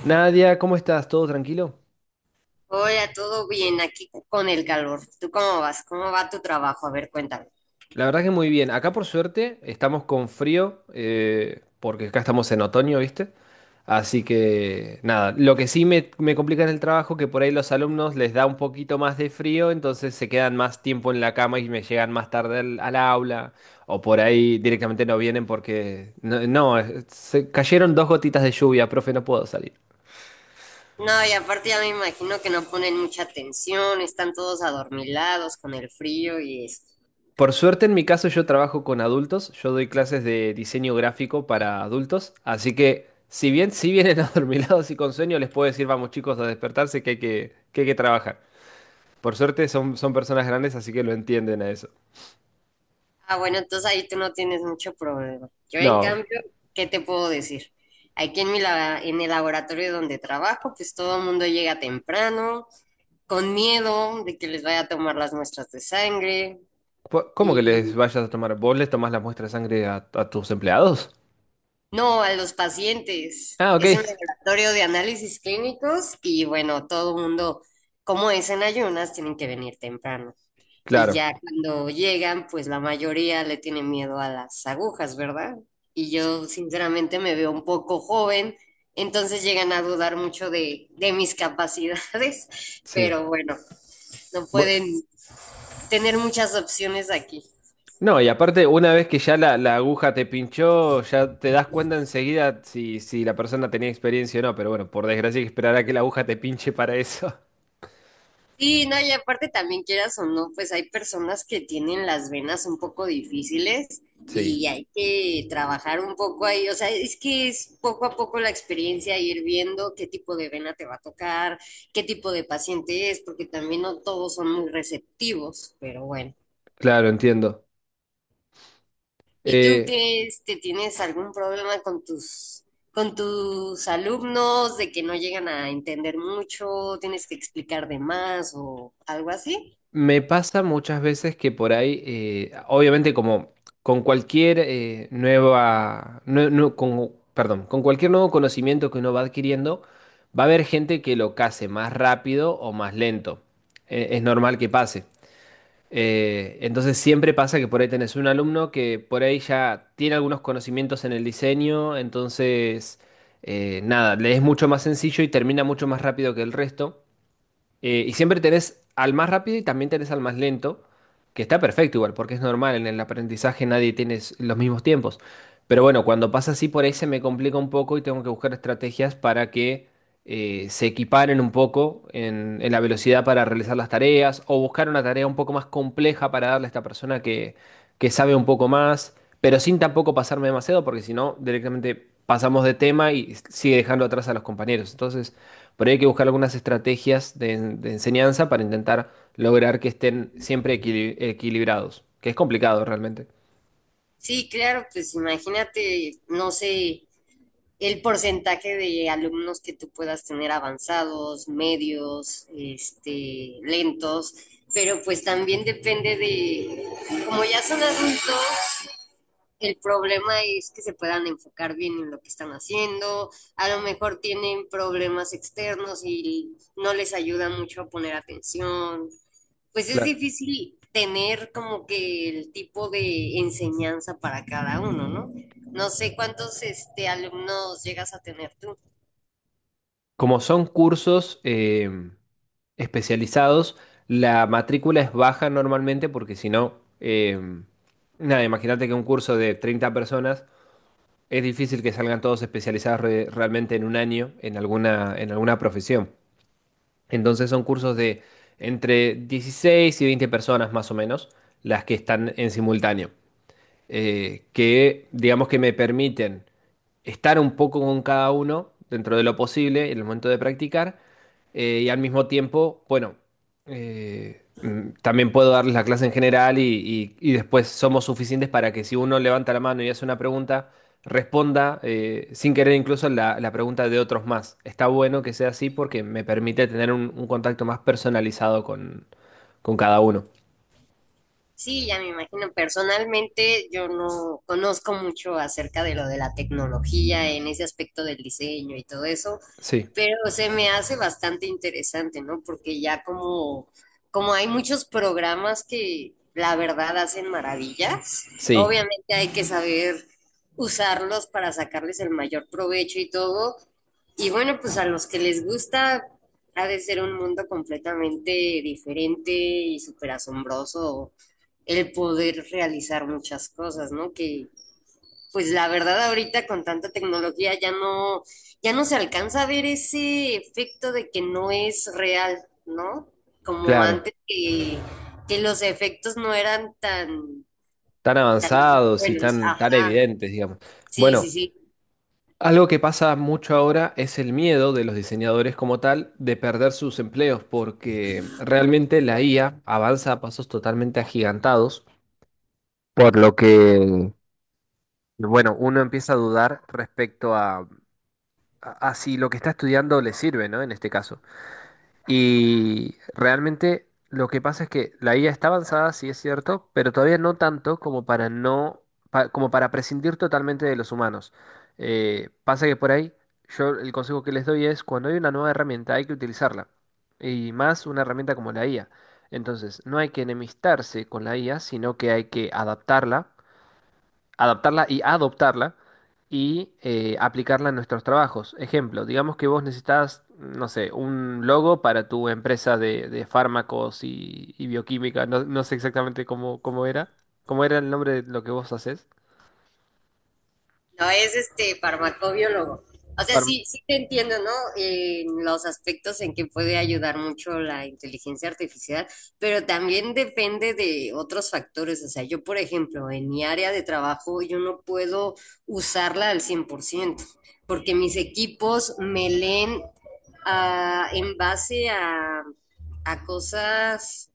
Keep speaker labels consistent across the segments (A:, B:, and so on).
A: Nadia, ¿cómo estás? ¿Todo tranquilo?
B: Hola, todo bien aquí con el calor. ¿Tú cómo vas? ¿Cómo va tu trabajo? A ver, cuéntame.
A: La verdad que muy bien. Acá por suerte estamos con frío, porque acá estamos en otoño, ¿viste? Así que nada, lo que sí me complica en el trabajo, que por ahí los alumnos les da un poquito más de frío, entonces se quedan más tiempo en la cama y me llegan más tarde al aula, o por ahí directamente no vienen porque... No, no, se cayeron dos gotitas de lluvia, profe, no puedo salir.
B: No, y aparte ya me imagino que no ponen mucha atención, están todos adormilados con el frío y eso.
A: Por suerte, en mi caso, yo trabajo con adultos, yo doy clases de diseño gráfico para adultos, así que si bien si vienen adormilados y con sueño, les puedo decir, vamos chicos a despertarse que hay que trabajar. Por suerte son personas grandes, así que lo entienden a eso.
B: Ah, bueno, entonces ahí tú no tienes mucho problema. Yo, en
A: No,
B: cambio, ¿qué te puedo decir? Aquí en en el laboratorio donde trabajo, pues todo el mundo llega temprano, con miedo de que les vaya a tomar las muestras de sangre.
A: ¿cómo que les vayas a tomar? ¿Vos les tomás la muestra de sangre a tus empleados?
B: No, a los pacientes.
A: Ah, ok,
B: Es un laboratorio de análisis clínicos y bueno, todo el mundo, como es en ayunas, tienen que venir temprano. Y
A: claro,
B: ya cuando llegan, pues la mayoría le tiene miedo a las agujas, ¿verdad? Y yo sinceramente me veo un poco joven, entonces llegan a dudar mucho de mis capacidades,
A: sí.
B: pero bueno, no
A: Bu-
B: pueden tener muchas opciones aquí.
A: No, y aparte, una vez que ya la aguja te pinchó, ya te das cuenta enseguida si la persona tenía experiencia o no, pero bueno, por desgracia hay que esperar a que la aguja te pinche para eso.
B: Sí, no, y aparte también quieras o no, pues hay personas que tienen las venas un poco difíciles
A: Sí,
B: y hay que trabajar un poco ahí, o sea, es que es poco a poco la experiencia, ir viendo qué tipo de vena te va a tocar, qué tipo de paciente es, porque también no todos son muy receptivos, pero bueno.
A: claro, entiendo.
B: ¿Y tú
A: Eh,
B: qué, este, tienes algún problema con tus alumnos de que no llegan a entender mucho, tienes que explicar de más o algo así?
A: me pasa muchas veces que por ahí, obviamente como con cualquier nueva, nue- nu- con, perdón, con cualquier nuevo conocimiento que uno va adquiriendo, va a haber gente que lo case más rápido o más lento. Es normal que pase. Entonces siempre pasa que por ahí tenés un alumno que por ahí ya tiene algunos conocimientos en el diseño, entonces nada, le es mucho más sencillo y termina mucho más rápido que el resto. Y siempre tenés al más rápido y también tenés al más lento, que está perfecto igual, porque es normal, en el aprendizaje nadie tiene los mismos tiempos. Pero bueno, cuando pasa así por ahí se me complica un poco y tengo que buscar estrategias para que se equiparen un poco en la velocidad para realizar las tareas o buscar una tarea un poco más compleja para darle a esta persona que sabe un poco más, pero sin tampoco pasarme demasiado, porque si no, directamente pasamos de tema y sigue dejando atrás a los compañeros. Entonces, por ahí hay que buscar algunas estrategias de enseñanza para intentar lograr que estén siempre equilibrados, que es complicado realmente.
B: Sí, claro, pues imagínate, no sé, el porcentaje de alumnos que tú puedas tener avanzados, medios, este, lentos, pero pues también depende de, como ya son adultos, el problema es que se puedan enfocar bien en lo que están haciendo. A lo mejor tienen problemas externos y no les ayuda mucho a poner atención. Pues es
A: Claro.
B: difícil tener como que el tipo de enseñanza para cada uno, ¿no? No sé cuántos este, alumnos llegas a tener tú.
A: Como son cursos especializados, la matrícula es baja normalmente porque si no, eh, nada, imagínate que un curso de 30 personas. Es difícil que salgan todos especializados realmente en un año en en alguna profesión. Entonces son cursos de entre 16 y 20 personas más o menos las que están en simultáneo, que digamos que me permiten estar un poco con cada uno dentro de lo posible en el momento de practicar, y al mismo tiempo, bueno, también puedo darles la clase en general y, y después somos suficientes para que si uno levanta la mano y hace una pregunta, responda sin querer incluso la pregunta de otros más. Está bueno que sea así porque me permite tener un contacto más personalizado con cada uno.
B: Sí, ya me imagino. Personalmente, yo no conozco mucho acerca de lo de la tecnología en ese aspecto del diseño y todo eso,
A: Sí,
B: pero se me hace bastante interesante, ¿no? Porque ya como, como hay muchos programas que la verdad hacen maravillas,
A: sí,
B: obviamente hay que saber usarlos para sacarles el mayor provecho y todo. Y bueno, pues a los que les gusta, ha de ser un mundo completamente diferente y súper asombroso el poder realizar muchas cosas, ¿no? Que pues la verdad ahorita con tanta tecnología ya no, ya no se alcanza a ver ese efecto de que no es real, ¿no? Como
A: claro.
B: antes que los efectos no eran tan
A: Tan avanzados y
B: buenos.
A: tan
B: Ajá,
A: evidentes, digamos.
B: sí,
A: Bueno,
B: sí, sí.
A: algo que pasa mucho ahora es el miedo de los diseñadores como tal de perder sus empleos, porque realmente la IA avanza a pasos totalmente agigantados, por lo que, bueno, uno empieza a dudar respecto a, a si lo que está estudiando le sirve, ¿no? En este caso. Y realmente lo que pasa es que la IA está avanzada, sí es cierto, pero todavía no tanto como para no, como para prescindir totalmente de los humanos. Pasa que por ahí, yo el consejo que les doy es cuando hay una nueva herramienta hay que utilizarla. Y más una herramienta como la IA. Entonces, no hay que enemistarse con la IA, sino que hay que adaptarla y adoptarla y aplicarla en nuestros trabajos. Ejemplo, digamos que vos necesitas, no sé, un logo para tu empresa de fármacos y bioquímica. No, no sé exactamente cómo, cómo era. ¿Cómo era el nombre de lo que vos haces?
B: No, es este farmacobiólogo. O sea,
A: Farm-
B: sí, sí te entiendo, ¿no? En los aspectos en que puede ayudar mucho la inteligencia artificial, pero también depende de otros factores. O sea, yo, por ejemplo, en mi área de trabajo, yo no puedo usarla al 100% porque mis equipos me leen en base a cosas,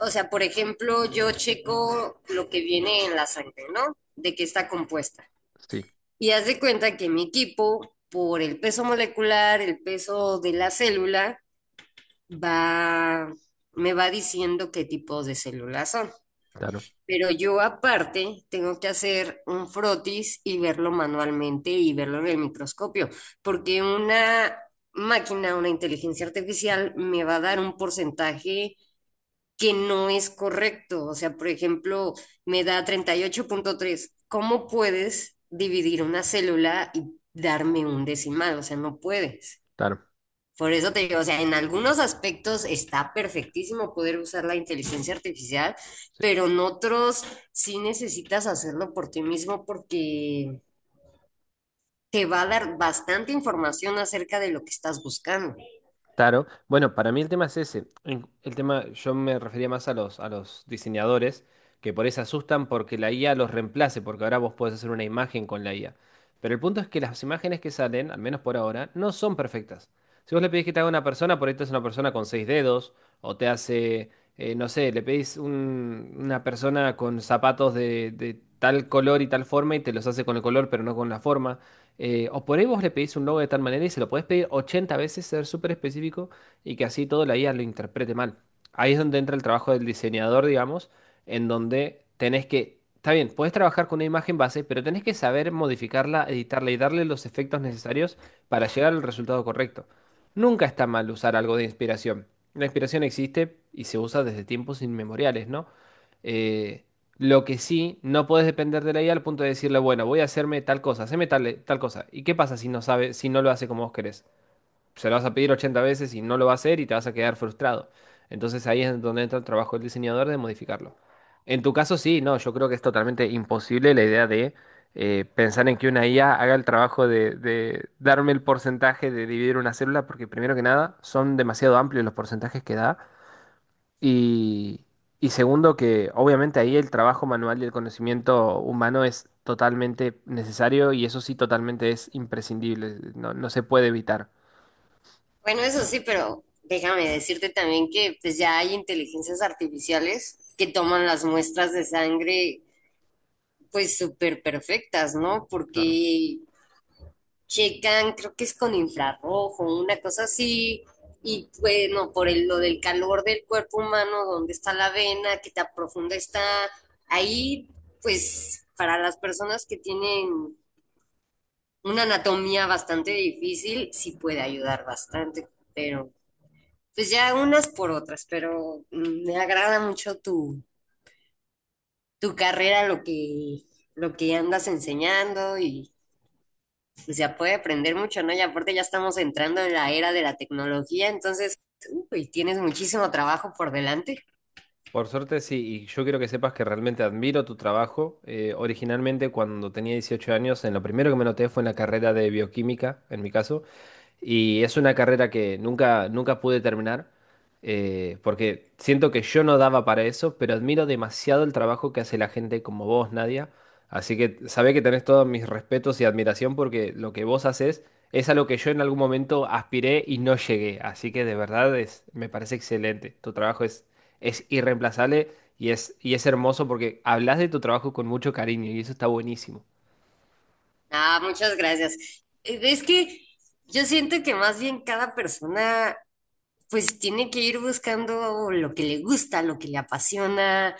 B: o sea, por ejemplo, yo checo lo que viene en la sangre, ¿no? De qué está compuesta.
A: Sí,
B: Y haz de cuenta que mi equipo, por el peso molecular, el peso de la célula, va, me va diciendo qué tipos de células son.
A: claro,
B: Pero yo aparte tengo que hacer un frotis y verlo manualmente y verlo en el microscopio, porque una máquina, una inteligencia artificial, me va a dar un porcentaje que no es correcto. O sea, por ejemplo, me da 38.3. ¿Cómo puedes dividir una célula y darme un decimal? O sea, no puedes.
A: claro,
B: Por eso te digo, o sea, en algunos aspectos está perfectísimo poder usar la inteligencia artificial,
A: sí.
B: pero en otros sí necesitas hacerlo por ti mismo porque te va a dar bastante información acerca de lo que estás buscando.
A: Claro. Bueno, para mí el tema es ese. El tema, yo me refería más a los diseñadores que por eso se asustan porque la IA los reemplace, porque ahora vos podés hacer una imagen con la IA. Pero el punto es que las imágenes que salen, al menos por ahora, no son perfectas. Si vos le pedís que te haga una persona, por ahí te hace una persona con seis dedos, o te hace, no sé, le pedís una persona con zapatos de tal color y tal forma y te los hace con el color, pero no con la forma. O por ahí vos le pedís un logo de tal manera y se lo podés pedir 80 veces, ser súper específico y que así todo la IA lo interprete mal. Ahí es donde entra el trabajo del diseñador, digamos, en donde tenés que, está bien, podés trabajar con una imagen base, pero tenés que saber modificarla, editarla y darle los efectos necesarios para llegar al resultado correcto. Nunca está mal usar algo de inspiración. La inspiración existe y se usa desde tiempos inmemoriales, ¿no? Eh, lo que sí, no puedes depender de la IA al punto de decirle, bueno, voy a hacerme tal cosa, haceme tal cosa. ¿Y qué pasa si no sabe, si no lo hace como vos querés? Se lo vas a pedir 80 veces y no lo va a hacer y te vas a quedar frustrado. Entonces ahí es donde entra el trabajo del diseñador de modificarlo. En tu caso, sí, no, yo creo que es totalmente imposible la idea de pensar en que una IA haga el trabajo de darme el porcentaje de dividir una célula, porque primero que nada, son demasiado amplios los porcentajes que da y, y segundo, que obviamente ahí el trabajo manual y el conocimiento humano es totalmente necesario y eso sí totalmente es imprescindible, no, no se puede evitar.
B: Bueno, eso sí, pero déjame decirte también que pues ya hay inteligencias artificiales que toman las muestras de sangre pues súper perfectas, ¿no?
A: Claro.
B: Porque checan, creo que es con infrarrojo, una cosa así, y bueno, por el, lo del calor del cuerpo humano, dónde está la vena, qué tan profunda está, ahí pues para las personas que tienen una anatomía bastante difícil, sí puede ayudar bastante, pero pues ya unas por otras, pero me agrada mucho tu, tu carrera, lo que andas enseñando y pues ya puede aprender mucho, ¿no? Y aparte ya estamos entrando en la era de la tecnología, entonces, uy, tienes muchísimo trabajo por delante.
A: Por suerte sí, y yo quiero que sepas que realmente admiro tu trabajo. Originalmente cuando tenía 18 años, en lo primero que me noté fue en la carrera de bioquímica, en mi caso. Y es una carrera que nunca pude terminar, porque siento que yo no daba para eso, pero admiro demasiado el trabajo que hace la gente como vos, Nadia. Así que sabé que tenés todos mis respetos y admiración porque lo que vos haces es a lo que yo en algún momento aspiré y no llegué. Así que de verdad es, me parece excelente. Tu trabajo es irreemplazable y es hermoso porque hablas de tu trabajo con mucho cariño y eso está buenísimo.
B: Ah, muchas gracias. Es que yo siento que más bien cada persona pues tiene que ir buscando lo que le gusta, lo que le apasiona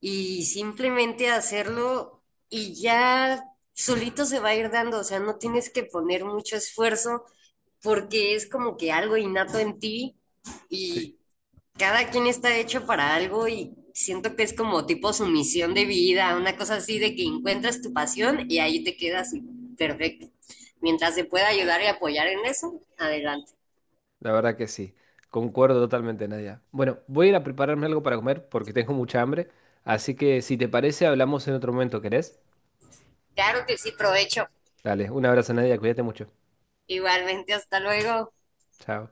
B: y simplemente hacerlo y ya solito se va a ir dando, o sea, no tienes que poner mucho esfuerzo porque es como que algo innato en ti
A: Sí.
B: y cada quien está hecho para algo y siento que es como tipo su misión de vida, una cosa así de que encuentras tu pasión y ahí te quedas y perfecto. Mientras se pueda ayudar y apoyar en eso, adelante.
A: La verdad que sí, concuerdo totalmente, Nadia. Bueno, voy a ir a prepararme algo para comer porque tengo mucha hambre, así que si te parece, hablamos en otro momento, ¿querés?
B: Claro que sí, provecho.
A: Dale, un abrazo, Nadia, cuídate mucho.
B: Igualmente, hasta luego.
A: Chao.